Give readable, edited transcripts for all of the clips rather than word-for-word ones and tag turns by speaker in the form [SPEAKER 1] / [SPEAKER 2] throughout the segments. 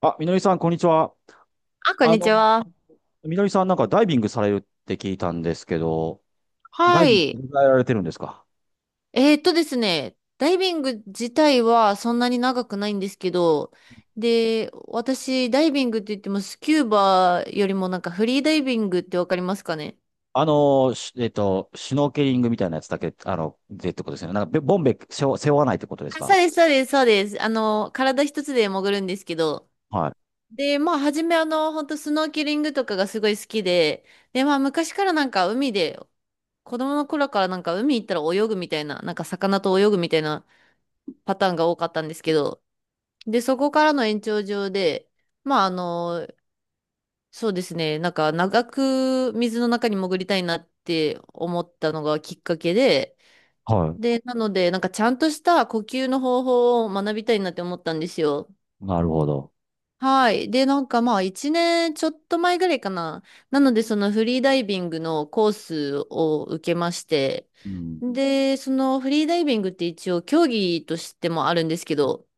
[SPEAKER 1] あ、みのりさん、こんにちは。
[SPEAKER 2] あ、こん
[SPEAKER 1] あ
[SPEAKER 2] にち
[SPEAKER 1] の、
[SPEAKER 2] は。
[SPEAKER 1] みのりさん、なんかダイビングされるって聞いたんですけど、ダ
[SPEAKER 2] は
[SPEAKER 1] イビング
[SPEAKER 2] い。
[SPEAKER 1] どれぐらいやられてるんですか？
[SPEAKER 2] ですね、ダイビング自体はそんなに長くないんですけど、で、私、ダイビングって言ってもスキューバよりもフリーダイビングってわかりますかね？
[SPEAKER 1] あの、しえっと、シュノーケリングみたいなやつだけ、でってことですよね。なんか、ボンベ背負わないってことです
[SPEAKER 2] あ、そう
[SPEAKER 1] か？
[SPEAKER 2] です、そうです、そうです。体一つで潜るんですけど、
[SPEAKER 1] はい。
[SPEAKER 2] で、まあ、初めあの、本当スノーケリングとかがすごい好きで、で、まあ、昔から海で、子供の頃から海行ったら泳ぐみたいな、魚と泳ぐみたいなパターンが多かったんですけど、で、そこからの延長上で、まあ、あの、そうですね、長く水の中に潜りたいなって思ったのがきっかけで、
[SPEAKER 1] は
[SPEAKER 2] で、なので、ちゃんとした呼吸の方法を学びたいなって思ったんですよ。
[SPEAKER 1] い。なるほど。
[SPEAKER 2] はい。で、1年ちょっと前ぐらいかな。なので、そのフリーダイビングのコースを受けまして、
[SPEAKER 1] うん。
[SPEAKER 2] で、そのフリーダイビングって一応競技としてもあるんですけど、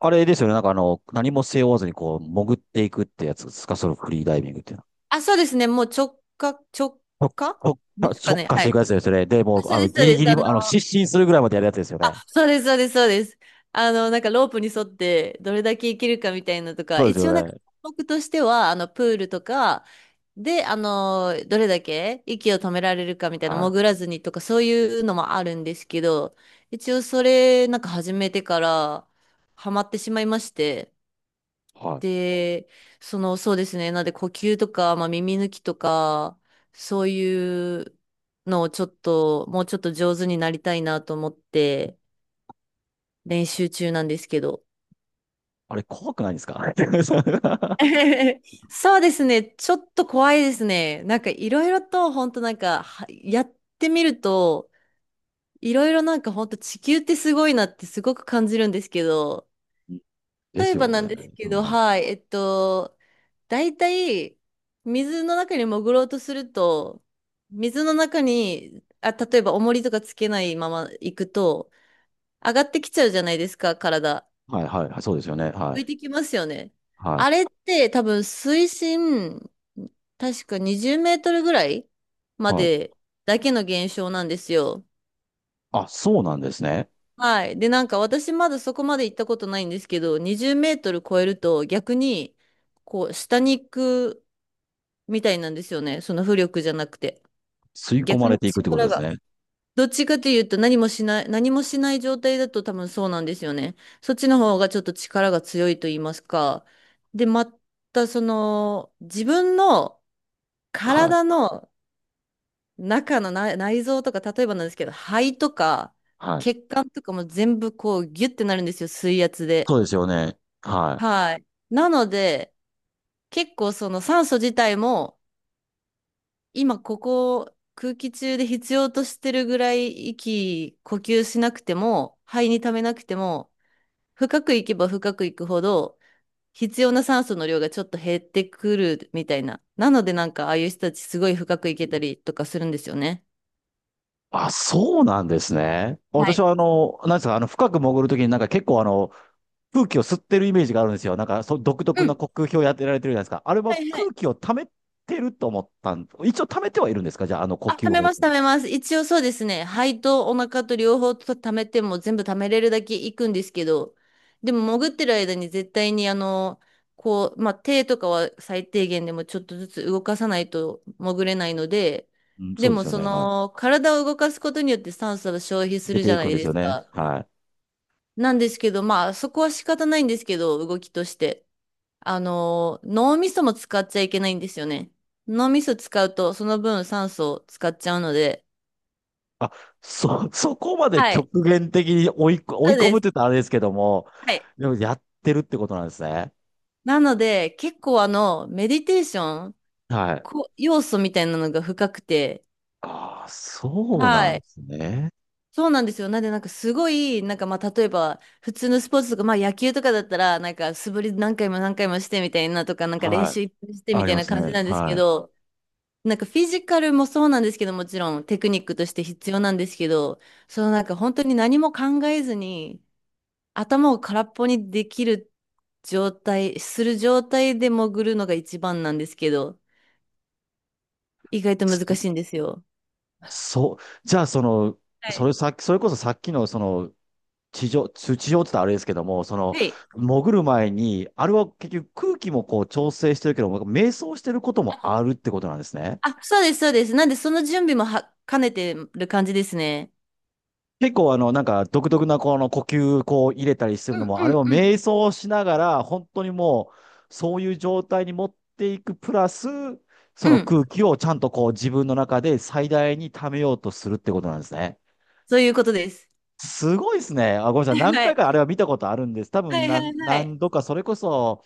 [SPEAKER 1] あれですよね。なんか、何も背負わずに、こう、潜っていくってやつですか？そのフリーダイビングっていうのは。
[SPEAKER 2] あ、そうですね。もう直
[SPEAKER 1] 特
[SPEAKER 2] 下
[SPEAKER 1] 特
[SPEAKER 2] ですか
[SPEAKER 1] 特
[SPEAKER 2] ね。
[SPEAKER 1] 化し
[SPEAKER 2] は
[SPEAKER 1] ていく
[SPEAKER 2] い。
[SPEAKER 1] やつですよね。で、も
[SPEAKER 2] あ、
[SPEAKER 1] う、
[SPEAKER 2] そうです、そ
[SPEAKER 1] ギ
[SPEAKER 2] うで
[SPEAKER 1] リ
[SPEAKER 2] す。
[SPEAKER 1] ギリ、
[SPEAKER 2] あの、
[SPEAKER 1] 失神するぐらいまでやるやつですよ
[SPEAKER 2] あ、
[SPEAKER 1] ね。
[SPEAKER 2] そうです、そうです、そうです。あの、ロープに沿ってどれだけ生きるかみたいなと
[SPEAKER 1] そ
[SPEAKER 2] か、
[SPEAKER 1] うです
[SPEAKER 2] 一応なん
[SPEAKER 1] よ
[SPEAKER 2] か
[SPEAKER 1] ね。
[SPEAKER 2] 僕としては、あの、プールとかで、あの、どれだけ息を止められるかみたいな、
[SPEAKER 1] はい。
[SPEAKER 2] 潜らずにとか、そういうのもあるんですけど、一応それ、始めてからハマってしまいまして、
[SPEAKER 1] はい。
[SPEAKER 2] で、なので、呼吸とか、まあ、耳抜きとか、そういうのをちょっと、もうちょっと上手になりたいなと思って、練習中なんですけど。
[SPEAKER 1] あれ怖くないですか？
[SPEAKER 2] そうですね。ちょっと怖いですね。いろいろと、本当なんか、はやってみると、いろいろなんか、本当地球ってすごいなってすごく感じるんですけど、
[SPEAKER 1] で
[SPEAKER 2] 例
[SPEAKER 1] す
[SPEAKER 2] えば
[SPEAKER 1] よね。
[SPEAKER 2] なんですけど、
[SPEAKER 1] は
[SPEAKER 2] はい、大体、水の中に潜ろうとすると、水の中に、あ、例えば重りとかつけないまま行くと、上がってきちゃうじゃないですか、体。
[SPEAKER 1] いはいはいはい。そうですよね。は
[SPEAKER 2] 浮いて
[SPEAKER 1] い。
[SPEAKER 2] きますよね。
[SPEAKER 1] は
[SPEAKER 2] あ
[SPEAKER 1] い。
[SPEAKER 2] れって多分水深、確か20メートルぐらいま
[SPEAKER 1] はい。
[SPEAKER 2] でだけの現象なんですよ。
[SPEAKER 1] あ、そうなんですね。
[SPEAKER 2] はい。で、私まだそこまで行ったことないんですけど、20メートル超えると逆に、こう、下に行くみたいなんですよね。その浮力じゃなくて。
[SPEAKER 1] 吸い込ま
[SPEAKER 2] 逆
[SPEAKER 1] れ
[SPEAKER 2] の
[SPEAKER 1] ていくってこと
[SPEAKER 2] 力
[SPEAKER 1] です
[SPEAKER 2] が。
[SPEAKER 1] ね。
[SPEAKER 2] どっちかというと何もしない状態だと多分そうなんですよね。そっちの方がちょっと力が強いと言いますか。で、またその、自分の
[SPEAKER 1] はい。
[SPEAKER 2] 体の中の内臓とか、例えばなんですけど、肺とか、
[SPEAKER 1] はい。
[SPEAKER 2] 血管とかも全部こうギュッてなるんですよ、水圧
[SPEAKER 1] そ
[SPEAKER 2] で。
[SPEAKER 1] うですよね。はい。
[SPEAKER 2] はい。なので、結構その酸素自体も、今ここ空気中で必要としてるぐらい呼吸しなくても、肺に溜めなくても、深く行けば深く行くほど、必要な酸素の量がちょっと減ってくるみたいな。なのでああいう人たちすごい深く行けたりとかするんですよね。
[SPEAKER 1] あ、そうなんですね。
[SPEAKER 2] は
[SPEAKER 1] 私
[SPEAKER 2] い。
[SPEAKER 1] はなんですか、深く潜るときになんか結構空気を吸ってるイメージがあるんですよ。なんか、そう、独
[SPEAKER 2] う
[SPEAKER 1] 特な
[SPEAKER 2] ん。
[SPEAKER 1] 呼吸法やってられてるじゃないですか。あれは
[SPEAKER 2] はいは
[SPEAKER 1] 空
[SPEAKER 2] い。
[SPEAKER 1] 気を溜めてると思ったん、一応溜めてはいるんですか？じゃあ、あの呼
[SPEAKER 2] あ、
[SPEAKER 1] 吸
[SPEAKER 2] 貯め
[SPEAKER 1] 法っ
[SPEAKER 2] ます、
[SPEAKER 1] て。
[SPEAKER 2] 貯めます。一応そうですね。肺とお腹と両方と貯めても全部貯めれるだけいくんですけど、でも潜ってる間に絶対に手とかは最低限でもちょっとずつ動かさないと潜れないので、
[SPEAKER 1] うん、
[SPEAKER 2] で
[SPEAKER 1] そうで
[SPEAKER 2] も
[SPEAKER 1] すよ
[SPEAKER 2] そ
[SPEAKER 1] ね。はい。
[SPEAKER 2] の体を動かすことによって酸素を消費す
[SPEAKER 1] 出
[SPEAKER 2] る
[SPEAKER 1] て
[SPEAKER 2] じゃ
[SPEAKER 1] い
[SPEAKER 2] な
[SPEAKER 1] くん
[SPEAKER 2] い
[SPEAKER 1] です
[SPEAKER 2] で
[SPEAKER 1] よ
[SPEAKER 2] す
[SPEAKER 1] ね。
[SPEAKER 2] か。
[SPEAKER 1] はい。
[SPEAKER 2] なんですけど、まあそこは仕方ないんですけど、動きとして。あの、脳みそも使っちゃいけないんですよね。脳みそ使うとその分酸素を使っちゃうので、
[SPEAKER 1] あ、そこまで
[SPEAKER 2] はい。
[SPEAKER 1] 極限的に追
[SPEAKER 2] そ
[SPEAKER 1] い
[SPEAKER 2] う
[SPEAKER 1] 込
[SPEAKER 2] で
[SPEAKER 1] むっ
[SPEAKER 2] す。
[SPEAKER 1] て言ったらあれですけども、
[SPEAKER 2] はい。
[SPEAKER 1] でもやってるってことなんですね。
[SPEAKER 2] なので、結構あの、メディテーション、
[SPEAKER 1] はい。
[SPEAKER 2] 要素みたいなのが深くて、
[SPEAKER 1] ああ、そうな
[SPEAKER 2] は
[SPEAKER 1] んで
[SPEAKER 2] い。
[SPEAKER 1] すね。
[SPEAKER 2] そうなんですよ。なんで、なんかすごい、なんかまあ、例えば、普通のスポーツとか、まあ野球とかだったら、素振り何回も何回もしてみたいなとか、練
[SPEAKER 1] はい。
[SPEAKER 2] 習いっぱいして
[SPEAKER 1] あ
[SPEAKER 2] み
[SPEAKER 1] り
[SPEAKER 2] たい
[SPEAKER 1] ま
[SPEAKER 2] な
[SPEAKER 1] す
[SPEAKER 2] 感じ
[SPEAKER 1] ね。
[SPEAKER 2] なんですけ
[SPEAKER 1] はい。
[SPEAKER 2] ど、フィジカルもそうなんですけど、もちろんテクニックとして必要なんですけど、本当に何も考えずに、頭を空っぽにできるする状態で潜るのが一番なんですけど、意外と難しいんですよ。
[SPEAKER 1] そう、じゃあその、
[SPEAKER 2] はい。
[SPEAKER 1] それこそさっきのその、地上、地上って言ったらあれですけども、その、
[SPEAKER 2] はい。
[SPEAKER 1] 潜る前に、あれは結局空気もこう調整してるけども、瞑想してることもあるってことなんですね。
[SPEAKER 2] あ、そうです、そうです。なんで、その準備もは兼ねてる感じですね。
[SPEAKER 1] 結構なんか独特なこの呼吸こう入れたりする
[SPEAKER 2] う
[SPEAKER 1] の
[SPEAKER 2] ん
[SPEAKER 1] も、あ
[SPEAKER 2] う
[SPEAKER 1] れ
[SPEAKER 2] ん
[SPEAKER 1] を
[SPEAKER 2] うん。
[SPEAKER 1] 瞑想しながら、本当にもう、そういう状態に持っていくプラス、そ
[SPEAKER 2] う
[SPEAKER 1] の
[SPEAKER 2] ん
[SPEAKER 1] 空気をちゃんとこう自分の中で最大に溜めようとするってことなんですね。
[SPEAKER 2] そういうことです。
[SPEAKER 1] すごいですね。あ、ごめんなさい。何回かあ れは見たことあるんです。多分何度か、それこそ、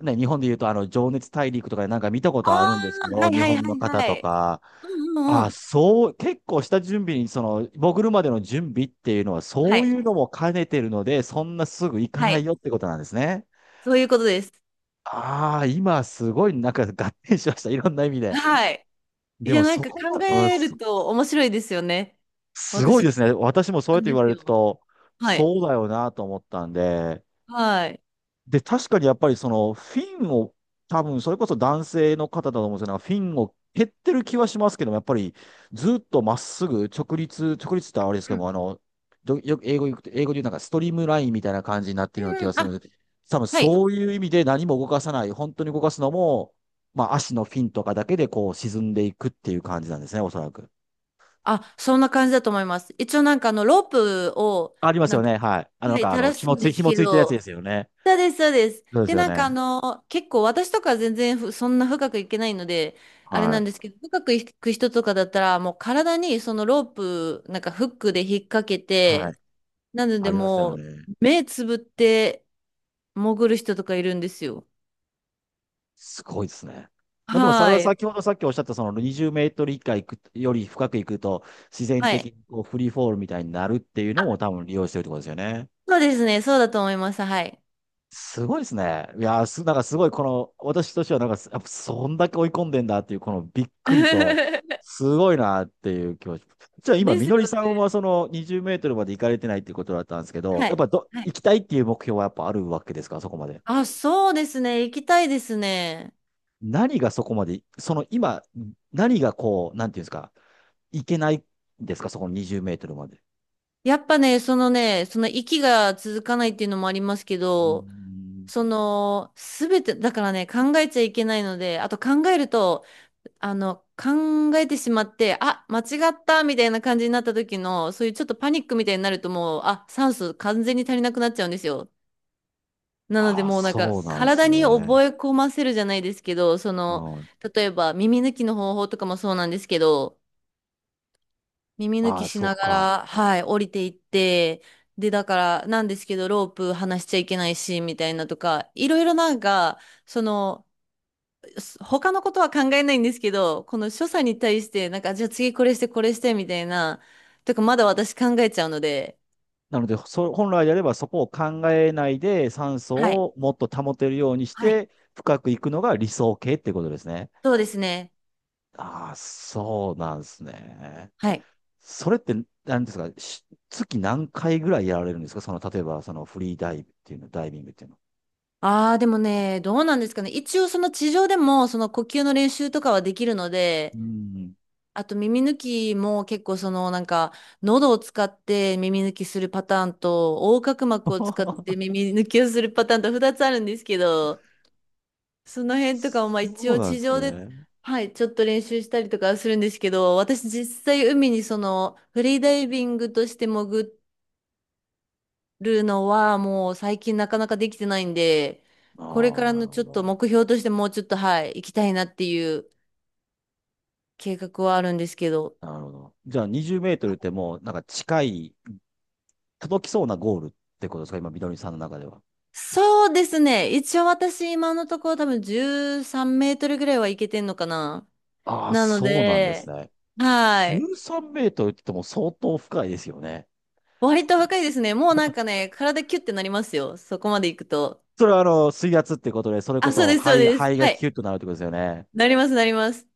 [SPEAKER 1] ね、日本で言うと、情熱大陸とかでなんか見たことあるんですけ
[SPEAKER 2] は
[SPEAKER 1] ど、
[SPEAKER 2] い
[SPEAKER 1] 日
[SPEAKER 2] はい
[SPEAKER 1] 本
[SPEAKER 2] は
[SPEAKER 1] の
[SPEAKER 2] い
[SPEAKER 1] 方
[SPEAKER 2] はい。ああはいはいはい
[SPEAKER 1] と
[SPEAKER 2] はい
[SPEAKER 1] か、
[SPEAKER 2] うんうん
[SPEAKER 1] あ、
[SPEAKER 2] うん。
[SPEAKER 1] そう、結構下準備に、その、潜るまでの準備っていうのは、
[SPEAKER 2] は
[SPEAKER 1] そう
[SPEAKER 2] い。
[SPEAKER 1] いうのも兼ねてるので、そんなすぐ行か
[SPEAKER 2] は
[SPEAKER 1] ない
[SPEAKER 2] い。
[SPEAKER 1] よってことなんですね。
[SPEAKER 2] そういうことです。
[SPEAKER 1] ああ、今すごいなんか合点しました。いろんな意味で。
[SPEAKER 2] はい。い
[SPEAKER 1] で
[SPEAKER 2] や、
[SPEAKER 1] もそこ
[SPEAKER 2] 考
[SPEAKER 1] は、うん、
[SPEAKER 2] えると面白いですよね。
[SPEAKER 1] すごい
[SPEAKER 2] 私
[SPEAKER 1] で
[SPEAKER 2] も
[SPEAKER 1] すね。私もそう
[SPEAKER 2] な
[SPEAKER 1] やっ
[SPEAKER 2] ん
[SPEAKER 1] て言
[SPEAKER 2] で
[SPEAKER 1] わ
[SPEAKER 2] す
[SPEAKER 1] れる
[SPEAKER 2] よ。
[SPEAKER 1] と、
[SPEAKER 2] はい。
[SPEAKER 1] そうだよなと思ったんで、
[SPEAKER 2] はい。
[SPEAKER 1] で、確かにやっぱりそのフィンを、多分それこそ男性の方だと思うんですよね。フィンを蹴ってる気はしますけども、やっぱりずっとまっすぐ直立、直立ってあれですけども、よく英語で言うなんかストリームラインみたいな感じになってるような気
[SPEAKER 2] う
[SPEAKER 1] が
[SPEAKER 2] ん、
[SPEAKER 1] する
[SPEAKER 2] あ、
[SPEAKER 1] ので、多分
[SPEAKER 2] はい。
[SPEAKER 1] そういう意味で何も動かさない、本当に動かすのも、まあ足のフィンとかだけでこう沈んでいくっていう感じなんですね、おそらく。
[SPEAKER 2] あ、そんな感じだと思います。一応ロープを、
[SPEAKER 1] あります
[SPEAKER 2] な
[SPEAKER 1] よ
[SPEAKER 2] んか、
[SPEAKER 1] ね、はい。
[SPEAKER 2] はい、垂らすんです
[SPEAKER 1] 紐
[SPEAKER 2] け
[SPEAKER 1] ついてるやつ
[SPEAKER 2] ど、
[SPEAKER 1] ですよね。
[SPEAKER 2] そうです、そうです。
[SPEAKER 1] そうで
[SPEAKER 2] で、
[SPEAKER 1] すよね。
[SPEAKER 2] 結構私とか全然んな深くいけないので、あれ
[SPEAKER 1] は
[SPEAKER 2] なん
[SPEAKER 1] い。
[SPEAKER 2] ですけど、深くいく人とかだったら、もう体にそのロープ、フックで引っ掛け
[SPEAKER 1] はい。
[SPEAKER 2] て、なので
[SPEAKER 1] ありますよ
[SPEAKER 2] もう、
[SPEAKER 1] ね。
[SPEAKER 2] 目つぶって潜る人とかいるんですよ。
[SPEAKER 1] すごいですね。まあでもそれ
[SPEAKER 2] は
[SPEAKER 1] は
[SPEAKER 2] い。
[SPEAKER 1] 先ほどさっきおっしゃったその20メートル以下行くより深く行くと自然
[SPEAKER 2] は
[SPEAKER 1] 的
[SPEAKER 2] い。
[SPEAKER 1] にこうフリーフォールみたいになるっていうのも
[SPEAKER 2] あ、
[SPEAKER 1] 多分利用してるってことですよね。
[SPEAKER 2] そうですね。そうだと思います。はい。
[SPEAKER 1] すごいですね。いやーす、なんかすごい、この私としてはなんかやっぱそんだけ追い込んでんだっていうこのびっくりと すごいなっていう気持ち。じゃあ今
[SPEAKER 2] で
[SPEAKER 1] み
[SPEAKER 2] す
[SPEAKER 1] の
[SPEAKER 2] よ
[SPEAKER 1] りさんは
[SPEAKER 2] ね。
[SPEAKER 1] その20メートルまで行かれてないっていうことだったんですけど、
[SPEAKER 2] は
[SPEAKER 1] やっ
[SPEAKER 2] い。
[SPEAKER 1] ぱど
[SPEAKER 2] は
[SPEAKER 1] 行
[SPEAKER 2] い
[SPEAKER 1] きたいっていう目標はやっぱあるわけですか？そこまで。
[SPEAKER 2] あ、そうですね。行きたいですね。
[SPEAKER 1] 何がそこまで、その今、何がこう、なんていうんですか、行けないんですか？そこの20メートルまで。
[SPEAKER 2] やっぱね、その息が続かないっていうのもありますけ
[SPEAKER 1] うー
[SPEAKER 2] ど、
[SPEAKER 1] ん。
[SPEAKER 2] その、すべて、だからね、考えちゃいけないので、あと考えると、考えてしまって、あ、間違ったみたいな感じになった時の、そういうちょっとパニックみたいになるともう、あ、酸素完全に足りなくなっちゃうんですよ。なので、
[SPEAKER 1] ああ、
[SPEAKER 2] もうなんか、
[SPEAKER 1] そうなんです
[SPEAKER 2] 体に
[SPEAKER 1] ね。
[SPEAKER 2] 覚え込ませるじゃないですけど、そ
[SPEAKER 1] う
[SPEAKER 2] の、
[SPEAKER 1] ん。
[SPEAKER 2] 例えば耳抜きの方法とかもそうなんですけど、耳抜
[SPEAKER 1] あ
[SPEAKER 2] き
[SPEAKER 1] あ、
[SPEAKER 2] し
[SPEAKER 1] そう
[SPEAKER 2] なが
[SPEAKER 1] か。
[SPEAKER 2] ら、はい、降りていって、で、だから、なんですけど、ロープ離しちゃいけないし、みたいなとか、いろいろなんか、その、す他のことは考えないんですけど、この所作に対して、じゃあ次これして、これして、みたいな、とか、まだ私考えちゃうので、
[SPEAKER 1] なので、本来であればそこを考えないで酸素
[SPEAKER 2] はい。
[SPEAKER 1] をもっと保てるようにし
[SPEAKER 2] はい。
[SPEAKER 1] て深く行くのが理想形ってことですね。
[SPEAKER 2] そうですね。
[SPEAKER 1] ああ、そうなんですね。
[SPEAKER 2] はい。
[SPEAKER 1] それって何ですか？月何回ぐらいやられるんですか？その、例えばそのフリーダイブっていうの、ダイビングっていうの。
[SPEAKER 2] ああ、でもね、どうなんですかね。一応、その地上でも、その呼吸の練習とかはできるの
[SPEAKER 1] う
[SPEAKER 2] で、
[SPEAKER 1] ん。
[SPEAKER 2] あと耳抜きも結構そのなんか喉を使って耳抜きするパターンと横隔膜を使っ て耳抜きをするパターンと2つあるんですけど、その辺とかも
[SPEAKER 1] そ
[SPEAKER 2] まあ一
[SPEAKER 1] う
[SPEAKER 2] 応
[SPEAKER 1] なんで
[SPEAKER 2] 地
[SPEAKER 1] す
[SPEAKER 2] 上で
[SPEAKER 1] ね。
[SPEAKER 2] はいちょっと練習したりとかはするんですけど、私実際海にそのフリーダイビングとして潜るのはもう最近なかなかできてないんで、これ
[SPEAKER 1] あ
[SPEAKER 2] か
[SPEAKER 1] あ、
[SPEAKER 2] ら
[SPEAKER 1] なる
[SPEAKER 2] のち
[SPEAKER 1] ほ
[SPEAKER 2] ょっと
[SPEAKER 1] ど。
[SPEAKER 2] 目標としてもうちょっとはい行きたいなっていう計画はあるんですけど、
[SPEAKER 1] なるほど。じゃあ20メートルってもうなんか近い、届きそうなゴールってことですか？今、みどりさんの中では。
[SPEAKER 2] そうですね。一応私今のところ多分13メートルぐらいはいけてんのかな。
[SPEAKER 1] ああ、
[SPEAKER 2] なの
[SPEAKER 1] そうなんです
[SPEAKER 2] で、
[SPEAKER 1] ね。
[SPEAKER 2] は
[SPEAKER 1] 13
[SPEAKER 2] い。
[SPEAKER 1] メートルって言っても相当深いですよね。
[SPEAKER 2] 割と若いですね。もうなんかね、体キュッてなりますよ。そこまで行くと。
[SPEAKER 1] それは水圧ってことで、それこ
[SPEAKER 2] あ、そう
[SPEAKER 1] そ
[SPEAKER 2] です、そうです。
[SPEAKER 1] 肺が
[SPEAKER 2] は
[SPEAKER 1] キ
[SPEAKER 2] い。
[SPEAKER 1] ュッとなるってことですよね。
[SPEAKER 2] なります、なります。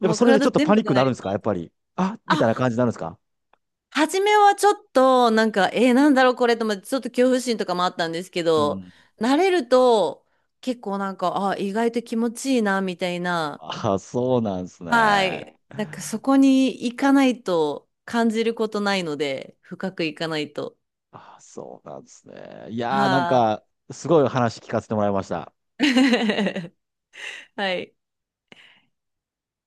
[SPEAKER 1] やっぱ
[SPEAKER 2] う
[SPEAKER 1] それでち
[SPEAKER 2] 体
[SPEAKER 1] ょっと
[SPEAKER 2] 全
[SPEAKER 1] パ
[SPEAKER 2] 部
[SPEAKER 1] ニック
[SPEAKER 2] が
[SPEAKER 1] に
[SPEAKER 2] な
[SPEAKER 1] なるん
[SPEAKER 2] り
[SPEAKER 1] ですか？
[SPEAKER 2] ま
[SPEAKER 1] やっ
[SPEAKER 2] す。
[SPEAKER 1] ぱり。あ、みたいな
[SPEAKER 2] あ、
[SPEAKER 1] 感じになるんですか？
[SPEAKER 2] 初めはちょっと、なんだろうこれと思って、ちょっと恐怖心とかもあったんですけ
[SPEAKER 1] う
[SPEAKER 2] ど、
[SPEAKER 1] ん。
[SPEAKER 2] 慣れると、結構なんか、あ、意外と気持ちいいな、みたいな。
[SPEAKER 1] ああ、そうなんです
[SPEAKER 2] は
[SPEAKER 1] ね。
[SPEAKER 2] い。そこに行かないと感じることないので、深く行かないと。
[SPEAKER 1] ああ、そうなんですね。いやー、なん
[SPEAKER 2] はあ。
[SPEAKER 1] か、すごい話聞かせてもらいました。
[SPEAKER 2] はい。